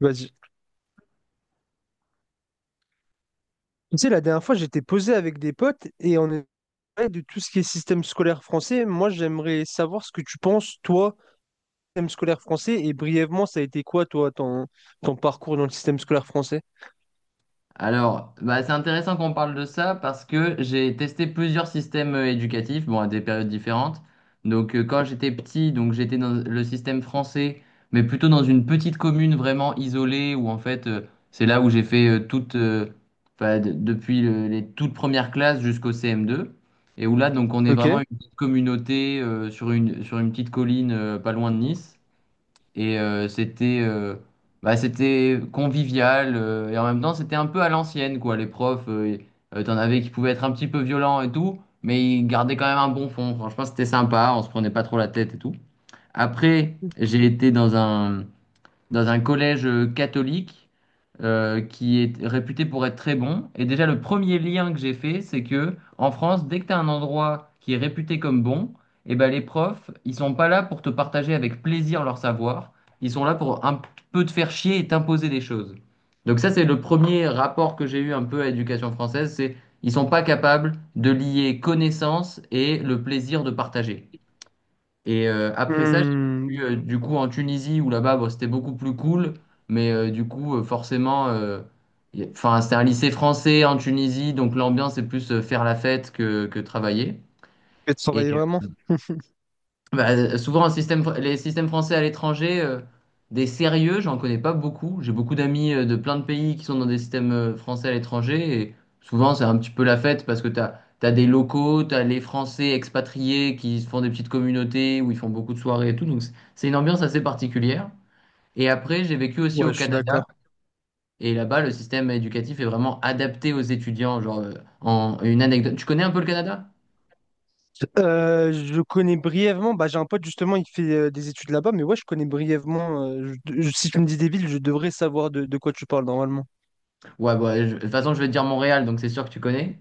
Vas-y. Tu sais, la dernière fois, j'étais posé avec des potes et on parlait de tout ce qui est système scolaire français. Moi, j'aimerais savoir ce que tu penses, toi, système scolaire français, et brièvement, ça a été quoi, toi, ton parcours dans le système scolaire français? Alors, bah, c'est intéressant qu'on parle de ça parce que j'ai testé plusieurs systèmes éducatifs, bon, à des périodes différentes. Donc, quand j'étais petit, donc j'étais dans le système français, mais plutôt dans une petite commune vraiment isolée où en fait, c'est là où j'ai fait toute, enfin, depuis les toutes premières classes jusqu'au CM2. Et où là, donc, on est Ok. vraiment une petite communauté sur une petite colline pas loin de Nice. Et c'était bah, c'était convivial et en même temps c'était un peu à l'ancienne quoi. Les profs, t'en avais qui pouvaient être un petit peu violents et tout, mais ils gardaient quand même un bon fond. Franchement, c'était sympa, on se prenait pas trop la tête et tout. Après, j'ai été dans un collège catholique qui est réputé pour être très bon. Et déjà, le premier lien que j'ai fait, c'est que en France, dès que tu as un endroit qui est réputé comme bon, eh ben, les profs, ils sont pas là pour te partager avec plaisir leur savoir. Ils sont là pour un peu te faire chier et t'imposer des choses. Donc ça, c'est le premier rapport que j'ai eu un peu à l'éducation française, c'est ils sont pas capables de lier connaissance et le plaisir de partager. Et après ça, j'ai Hmm. suis du coup en Tunisie où là-bas, bon, c'était beaucoup plus cool. Mais du coup, forcément, enfin, c'était un lycée français en Tunisie, donc l'ambiance est plus faire la fête que travailler. Tu Et, travailler vraiment? Bah, souvent, les systèmes français à l'étranger, des sérieux, j'en connais pas beaucoup. J'ai beaucoup d'amis de plein de pays qui sont dans des systèmes français à l'étranger. Et souvent, c'est un petit peu la fête parce que t'as des locaux, t'as les Français expatriés qui se font des petites communautés où ils font beaucoup de soirées et tout. Donc, c'est une ambiance assez particulière. Et après, j'ai vécu aussi Ouais, au je suis Canada. d'accord. Et là-bas, le système éducatif est vraiment adapté aux étudiants. Genre, en une anecdote. Tu connais un peu le Canada? Je connais brièvement. Bah, j'ai un pote justement, il fait des études là-bas, mais ouais, je connais brièvement. Si tu me dis des villes, je devrais savoir de quoi tu parles normalement. Ouais, bah, de toute façon, je vais te dire Montréal, donc c'est sûr que tu connais.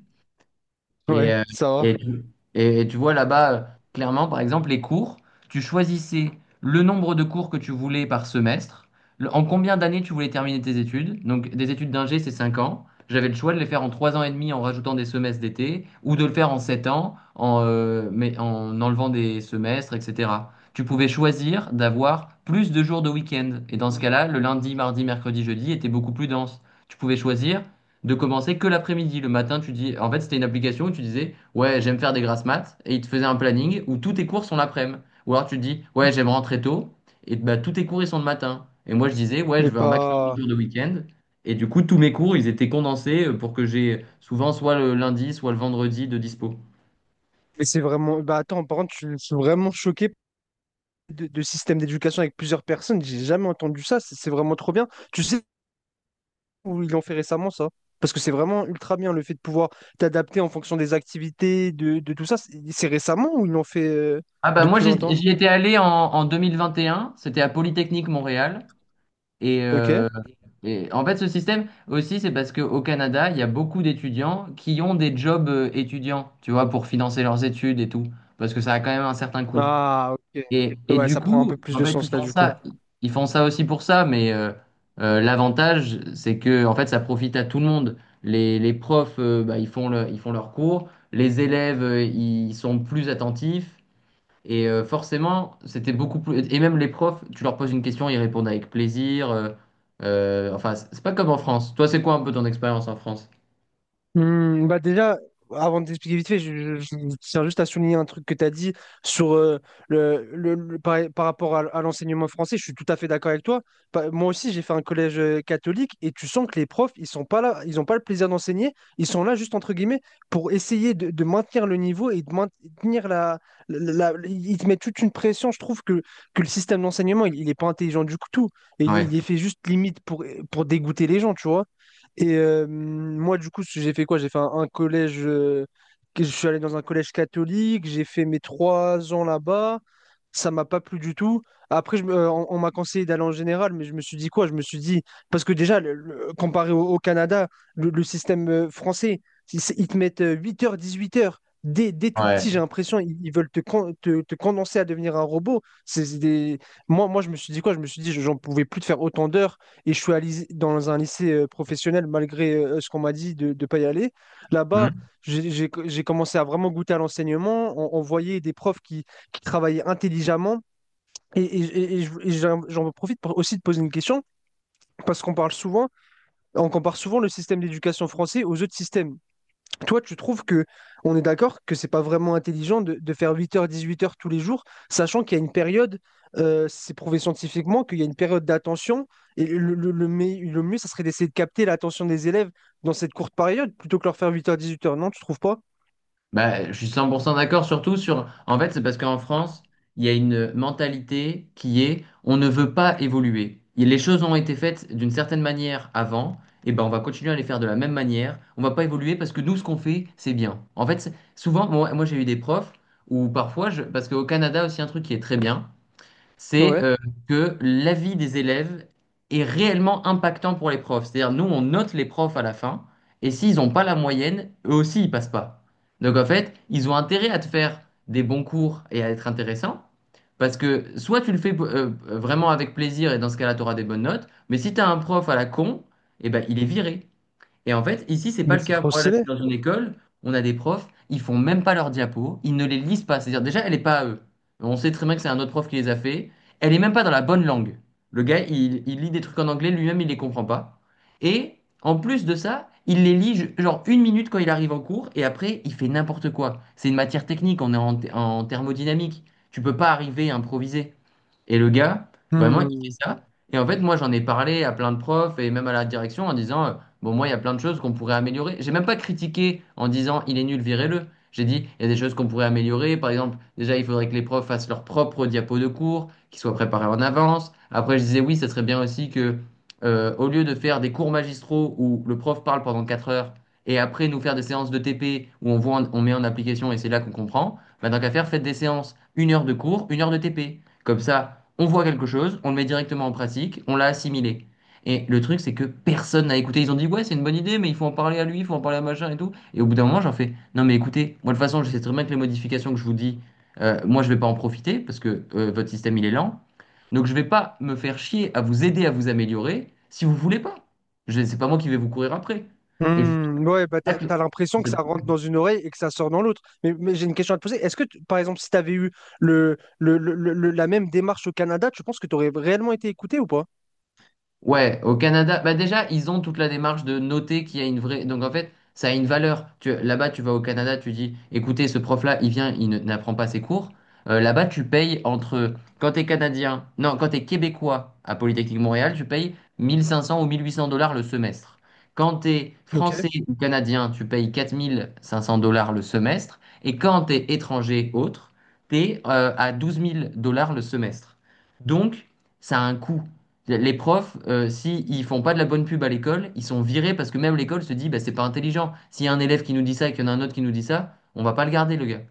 Et, Ouais, euh, ça va. et, tu et tu vois là-bas, clairement, par exemple, les cours, tu choisissais le nombre de cours que tu voulais par semestre, en combien d'années tu voulais terminer tes études. Donc, des études d'ingé, c'est 5 ans. J'avais le choix de les faire en 3 ans et demi en rajoutant des semestres d'été, ou de le faire en 7 ans mais en enlevant des semestres, etc. Tu pouvais choisir d'avoir plus de jours de week-end. Et dans ce Oui. cas-là, le lundi, mardi, mercredi, jeudi était beaucoup plus dense. Tu pouvais choisir de commencer que l'après-midi. Le matin, tu dis, en fait, c'était une application où tu disais, ouais, j'aime faire des grasses maths, et il te faisait un planning où tous tes cours sont l'après-midi. Ou alors tu dis, ouais, j'aime rentrer tôt, et bah, tous tes cours, ils sont le matin. Et moi, je disais, ouais, je Mais veux un maximum de pas. cours de week-end. Et du coup, tous mes cours, ils étaient condensés pour que j'ai souvent soit le lundi, soit le vendredi de dispo. Mais c'est vraiment. Bah attends, par contre, je suis vraiment choqué de système d'éducation avec plusieurs personnes. J'ai jamais entendu ça. C'est vraiment trop bien. Tu sais où ils l'ont fait récemment, ça? Parce que c'est vraiment ultra bien le fait de pouvoir t'adapter en fonction des activités, de tout ça. C'est récemment ou ils l'ont fait Ah bah moi, depuis j'y longtemps? j'y étais allé en 2021, c'était à Polytechnique Montréal. Et, Ok. euh, Et en fait, ce système aussi, c'est parce qu'au Canada, il y a beaucoup d'étudiants qui ont des jobs étudiants, tu vois, pour financer leurs études et tout, parce que ça a quand même un certain coût. Ah, ok. Et Ouais, du ça prend un coup, peu plus en de fait, sens là, du coup. Ils font ça aussi pour ça, mais l'avantage, c'est que en fait, ça profite à tout le monde. Les profs, bah, ils font leurs cours, les élèves, ils sont plus attentifs, et forcément, c'était beaucoup plus. Et même les profs, tu leur poses une question, ils répondent avec plaisir. Enfin, c'est pas comme en France. Toi, c'est quoi un peu ton expérience en France? Hmm, bah déjà, avant de t'expliquer vite fait, je tiens juste à souligner un truc que tu as dit sur par, par rapport à l'enseignement français. Je suis tout à fait d'accord avec toi. Pa- moi aussi, j'ai fait un collège catholique et tu sens que les profs, ils sont pas là, ils n'ont pas le plaisir d'enseigner. Ils sont là juste entre guillemets pour essayer de maintenir le niveau et de maintenir Ils te mettent toute une pression. Je trouve que le système d'enseignement, il est pas intelligent du tout. Il, Ouais. il est fait juste limite pour dégoûter les gens, tu vois. Et moi, du coup, j'ai fait quoi? J'ai fait un collège. Je suis allé dans un collège catholique. J'ai fait mes 3 ans là-bas. Ça m'a pas plu du tout. Après, on m'a conseillé d'aller en général, mais je me suis dit quoi? Je me suis dit parce que déjà, comparé au Canada, le système français, ils te mettent 8h, 18h. Dès tout petit, Ouais. j'ai l'impression ils veulent te condenser à devenir un robot. C'est des... je me suis dit quoi? Je me suis dit, j'en pouvais plus de faire autant d'heures et je suis allé dans un lycée professionnel malgré ce qu'on m'a dit de ne pas y aller. Là-bas, j'ai commencé à vraiment goûter à l'enseignement. On voyait des profs qui travaillaient intelligemment. Et, et- et j'en profite pour aussi de poser une question, parce qu'on parle souvent, on compare souvent le système d'éducation français aux autres systèmes. Toi, tu trouves que on est d'accord que c'est pas vraiment intelligent de faire 8h, 18h tous les jours, sachant qu'il y a une période, c'est prouvé scientifiquement, qu'il y a une période d'attention, et le mieux, ça serait d'essayer de capter l'attention des élèves dans cette courte période, plutôt que leur faire 8h, 18h, non, tu trouves pas? Bah, je suis 100% d'accord, surtout sur. En fait, c'est parce qu'en France, il y a une mentalité qui est on ne veut pas évoluer. Et les choses ont été faites d'une certaine manière avant, et ben on va continuer à les faire de la même manière. On va pas évoluer parce que nous, ce qu'on fait, c'est bien. En fait, souvent, j'ai eu des profs où parfois, parce qu'au Canada aussi, un truc qui est très bien, c'est Ouais. Que l'avis des élèves est réellement impactant pour les profs. C'est-à-dire, nous, on note les profs à la fin, et s'ils n'ont pas la moyenne, eux aussi, ils passent pas. Donc, en fait, ils ont intérêt à te faire des bons cours et à être intéressants, parce que soit tu le fais vraiment avec plaisir, et dans ce cas-là, tu auras des bonnes notes, mais si tu as un prof à la con, eh ben, il est viré. Et en fait, ici, c'est pas Mais le c'est cas. trop Moi, là, je suis stylé. dans une école, on a des profs, ils font même pas leurs diapos, ils ne les lisent pas. C'est-à-dire, déjà, elle est pas à eux. On sait très bien que c'est un autre prof qui les a fait. Elle est même pas dans la bonne langue. Le gars, il lit des trucs en anglais, lui-même, il les comprend pas. Et en plus de ça, il les lit genre 1 minute quand il arrive en cours, et après, il fait n'importe quoi. C'est une matière technique, on est en thermodynamique. Tu peux pas arriver à improviser. Et le gars, vraiment, il Hmm. fait ça. Et en fait, moi, j'en ai parlé à plein de profs et même à la direction en disant. Bon, moi, il y a plein de choses qu'on pourrait améliorer. J'ai même pas critiqué en disant il est nul, virez-le. J'ai dit il y a des choses qu'on pourrait améliorer. Par exemple, déjà, il faudrait que les profs fassent leur propre diapo de cours, qu'ils soient préparés en avance. Après, je disais oui, ça serait bien aussi que, au lieu de faire des cours magistraux où le prof parle pendant 4 heures et après nous faire des séances de TP où on voit, on met en application et c'est là qu'on comprend, bah, tant qu'à faire, faites des séances, 1 heure de cours, 1 heure de TP. Comme ça, on voit quelque chose, on le met directement en pratique, on l'a assimilé. Et le truc, c'est que personne n'a écouté. Ils ont dit, ouais, c'est une bonne idée, mais il faut en parler à lui, il faut en parler à machin et tout. Et au bout d'un moment, j'en fais, non, mais écoutez, moi, de toute façon, je sais très bien que les modifications que je vous dis, moi, je vais pas en profiter parce que votre système, il est lent. Donc, je vais pas me faire chier à vous aider à vous améliorer si vous voulez pas. C'est pas moi qui vais vous courir après. Et c'est pour Hmm. Ouais, bah t'as, ça. t'as l'impression que ça rentre dans une oreille et que ça sort dans l'autre. Mais j'ai une question à te poser. Par exemple, si t'avais eu la même démarche au Canada, tu penses que t'aurais réellement été écouté ou pas? Ouais, au Canada, bah déjà, ils ont toute la démarche de noter qu'il y a une vraie. Donc en fait, ça a une valeur. Là-bas, tu vas au Canada, tu dis, écoutez, ce prof-là, il vient, il n'apprend pas ses cours. Là-bas, tu payes entre. Quand t'es Canadien, non, quand t'es Québécois à Polytechnique Montréal, tu payes 1 500 ou 1 800 dollars le semestre. Quand t'es Ok. Français ou Canadien, tu payes 4 500 dollars le semestre. Et quand t'es étranger, autre, t'es à 12 000 dollars le semestre. Donc, ça a un coût. Les profs, s'ils font pas de la bonne pub à l'école, ils sont virés parce que même l'école se dit, bah, c'est pas intelligent. S'il y a un élève qui nous dit ça et qu'il y en a un autre qui nous dit ça, on va pas le garder, le gars.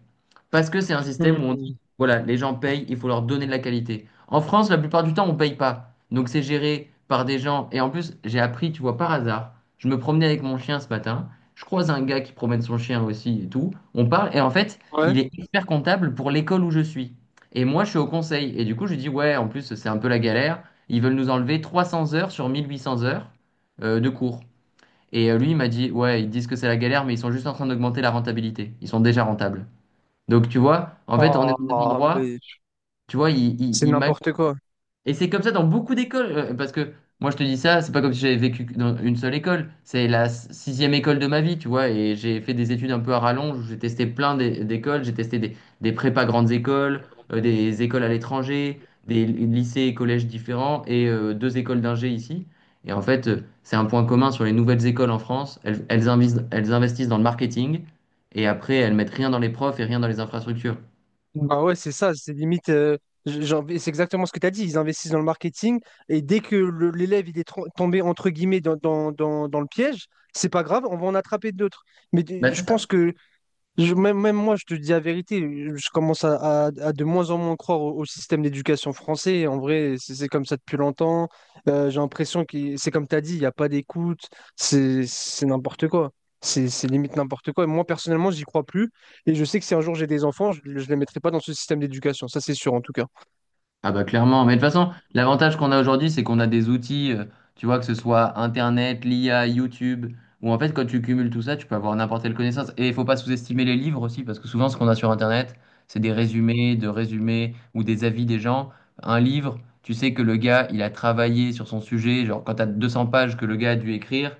Parce que c'est un système où on Hmm. dit, voilà, les gens payent, il faut leur donner de la qualité. En France, la plupart du temps, on paye pas. Donc c'est géré par des gens. Et en plus, j'ai appris, tu vois, par hasard, je me promenais avec mon chien ce matin. Je croise un gars qui promène son chien aussi et tout. On parle et en fait, il Ouais. est expert comptable pour l'école où je suis. Et moi, je suis au conseil. Et du coup, je lui dis, ouais, en plus, c'est un peu la galère. Ils veulent nous enlever 300 heures sur 1800 heures de cours. Lui, il m'a dit, ouais, ils disent que c'est la galère, mais ils sont juste en train d'augmenter la rentabilité. Ils sont déjà rentables. Donc, tu vois, en fait, on est Ah, dans des endroits, mais tu vois, ils, ils, c'est ils n'importe quoi. et c'est comme ça dans beaucoup d'écoles, parce que moi je te dis ça, c'est pas comme si j'avais vécu dans une seule école, c'est la sixième école de ma vie, tu vois, et j'ai fait des études un peu à rallonge, où j'ai testé plein d'écoles, j'ai testé des prépas grandes écoles, des écoles à l'étranger, des lycées et collèges différents, et deux écoles d'ingé ici. Et en fait, c'est un point commun sur les nouvelles écoles en France, elles investissent dans le marketing, et après elles mettent rien dans les profs et rien dans les infrastructures. Bah ouais, c'est ça, c'est limite. C'est exactement ce que tu as dit. Ils investissent dans le marketing et dès que l'élève il est tro- tombé entre guillemets dans le piège, c'est pas grave, on va en attraper d'autres. Bah c'est Je pense ça. que même moi, je te dis la vérité, je commence à de moins en moins croire au système d'éducation français. En vrai, c'est comme ça depuis longtemps. J'ai l'impression que c'est comme tu as dit, il n'y a pas d'écoute, c'est n'importe quoi. C'est limite n'importe quoi. Et moi, personnellement, j'y crois plus. Et je sais que si un jour j'ai des enfants, je ne les mettrai pas dans ce système d'éducation. Ça, c'est sûr, en tout cas. Ah bah clairement, mais de toute façon, l'avantage qu'on a aujourd'hui, c'est qu'on a des outils, tu vois, que ce soit Internet, l'IA, YouTube, où en fait, quand tu cumules tout ça, tu peux avoir n'importe quelle connaissance. Et il faut pas sous-estimer les livres aussi, parce que souvent, ce qu'on a sur Internet, c'est des résumés, de résumés, ou des avis des gens. Un livre, tu sais que le gars, il a travaillé sur son sujet, genre quand tu as 200 pages que le gars a dû écrire,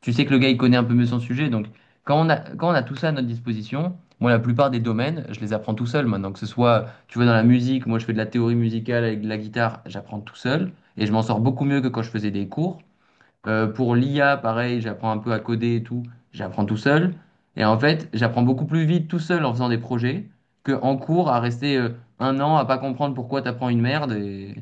tu sais que le gars, il connaît un peu mieux son sujet. Donc, quand on a tout ça à notre disposition, moi, la plupart des domaines, je les apprends tout seul maintenant, que ce soit tu vois, dans la musique, moi je fais de la théorie musicale avec de la guitare, j'apprends tout seul et je m'en sors beaucoup mieux que quand je faisais des cours. Pour l'IA, pareil, j'apprends un peu à coder et tout, j'apprends tout seul. Et en fait, j'apprends beaucoup plus vite tout seul en faisant des projets que en cours à rester 1 an à pas comprendre pourquoi t'apprends une merde et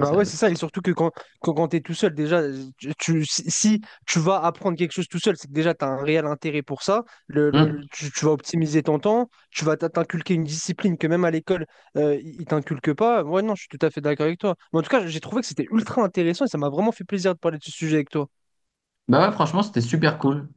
et ça- ouais, c'est ça. Et surtout que quand tu es tout seul, déjà, si tu vas apprendre quelque chose tout seul, c'est que déjà, tu as un réel intérêt pour ça. Hmm. Tu vas optimiser ton temps, tu vas t'in- t'inculquer une discipline que même à l'école, ils t'inculquent pas. Ouais, non, je suis tout à fait d'accord avec toi. Mais en tout cas, j'ai trouvé que c'était ultra intéressant et ça m'a vraiment fait plaisir de parler de ce sujet avec toi. Bah ouais, franchement, c'était super cool.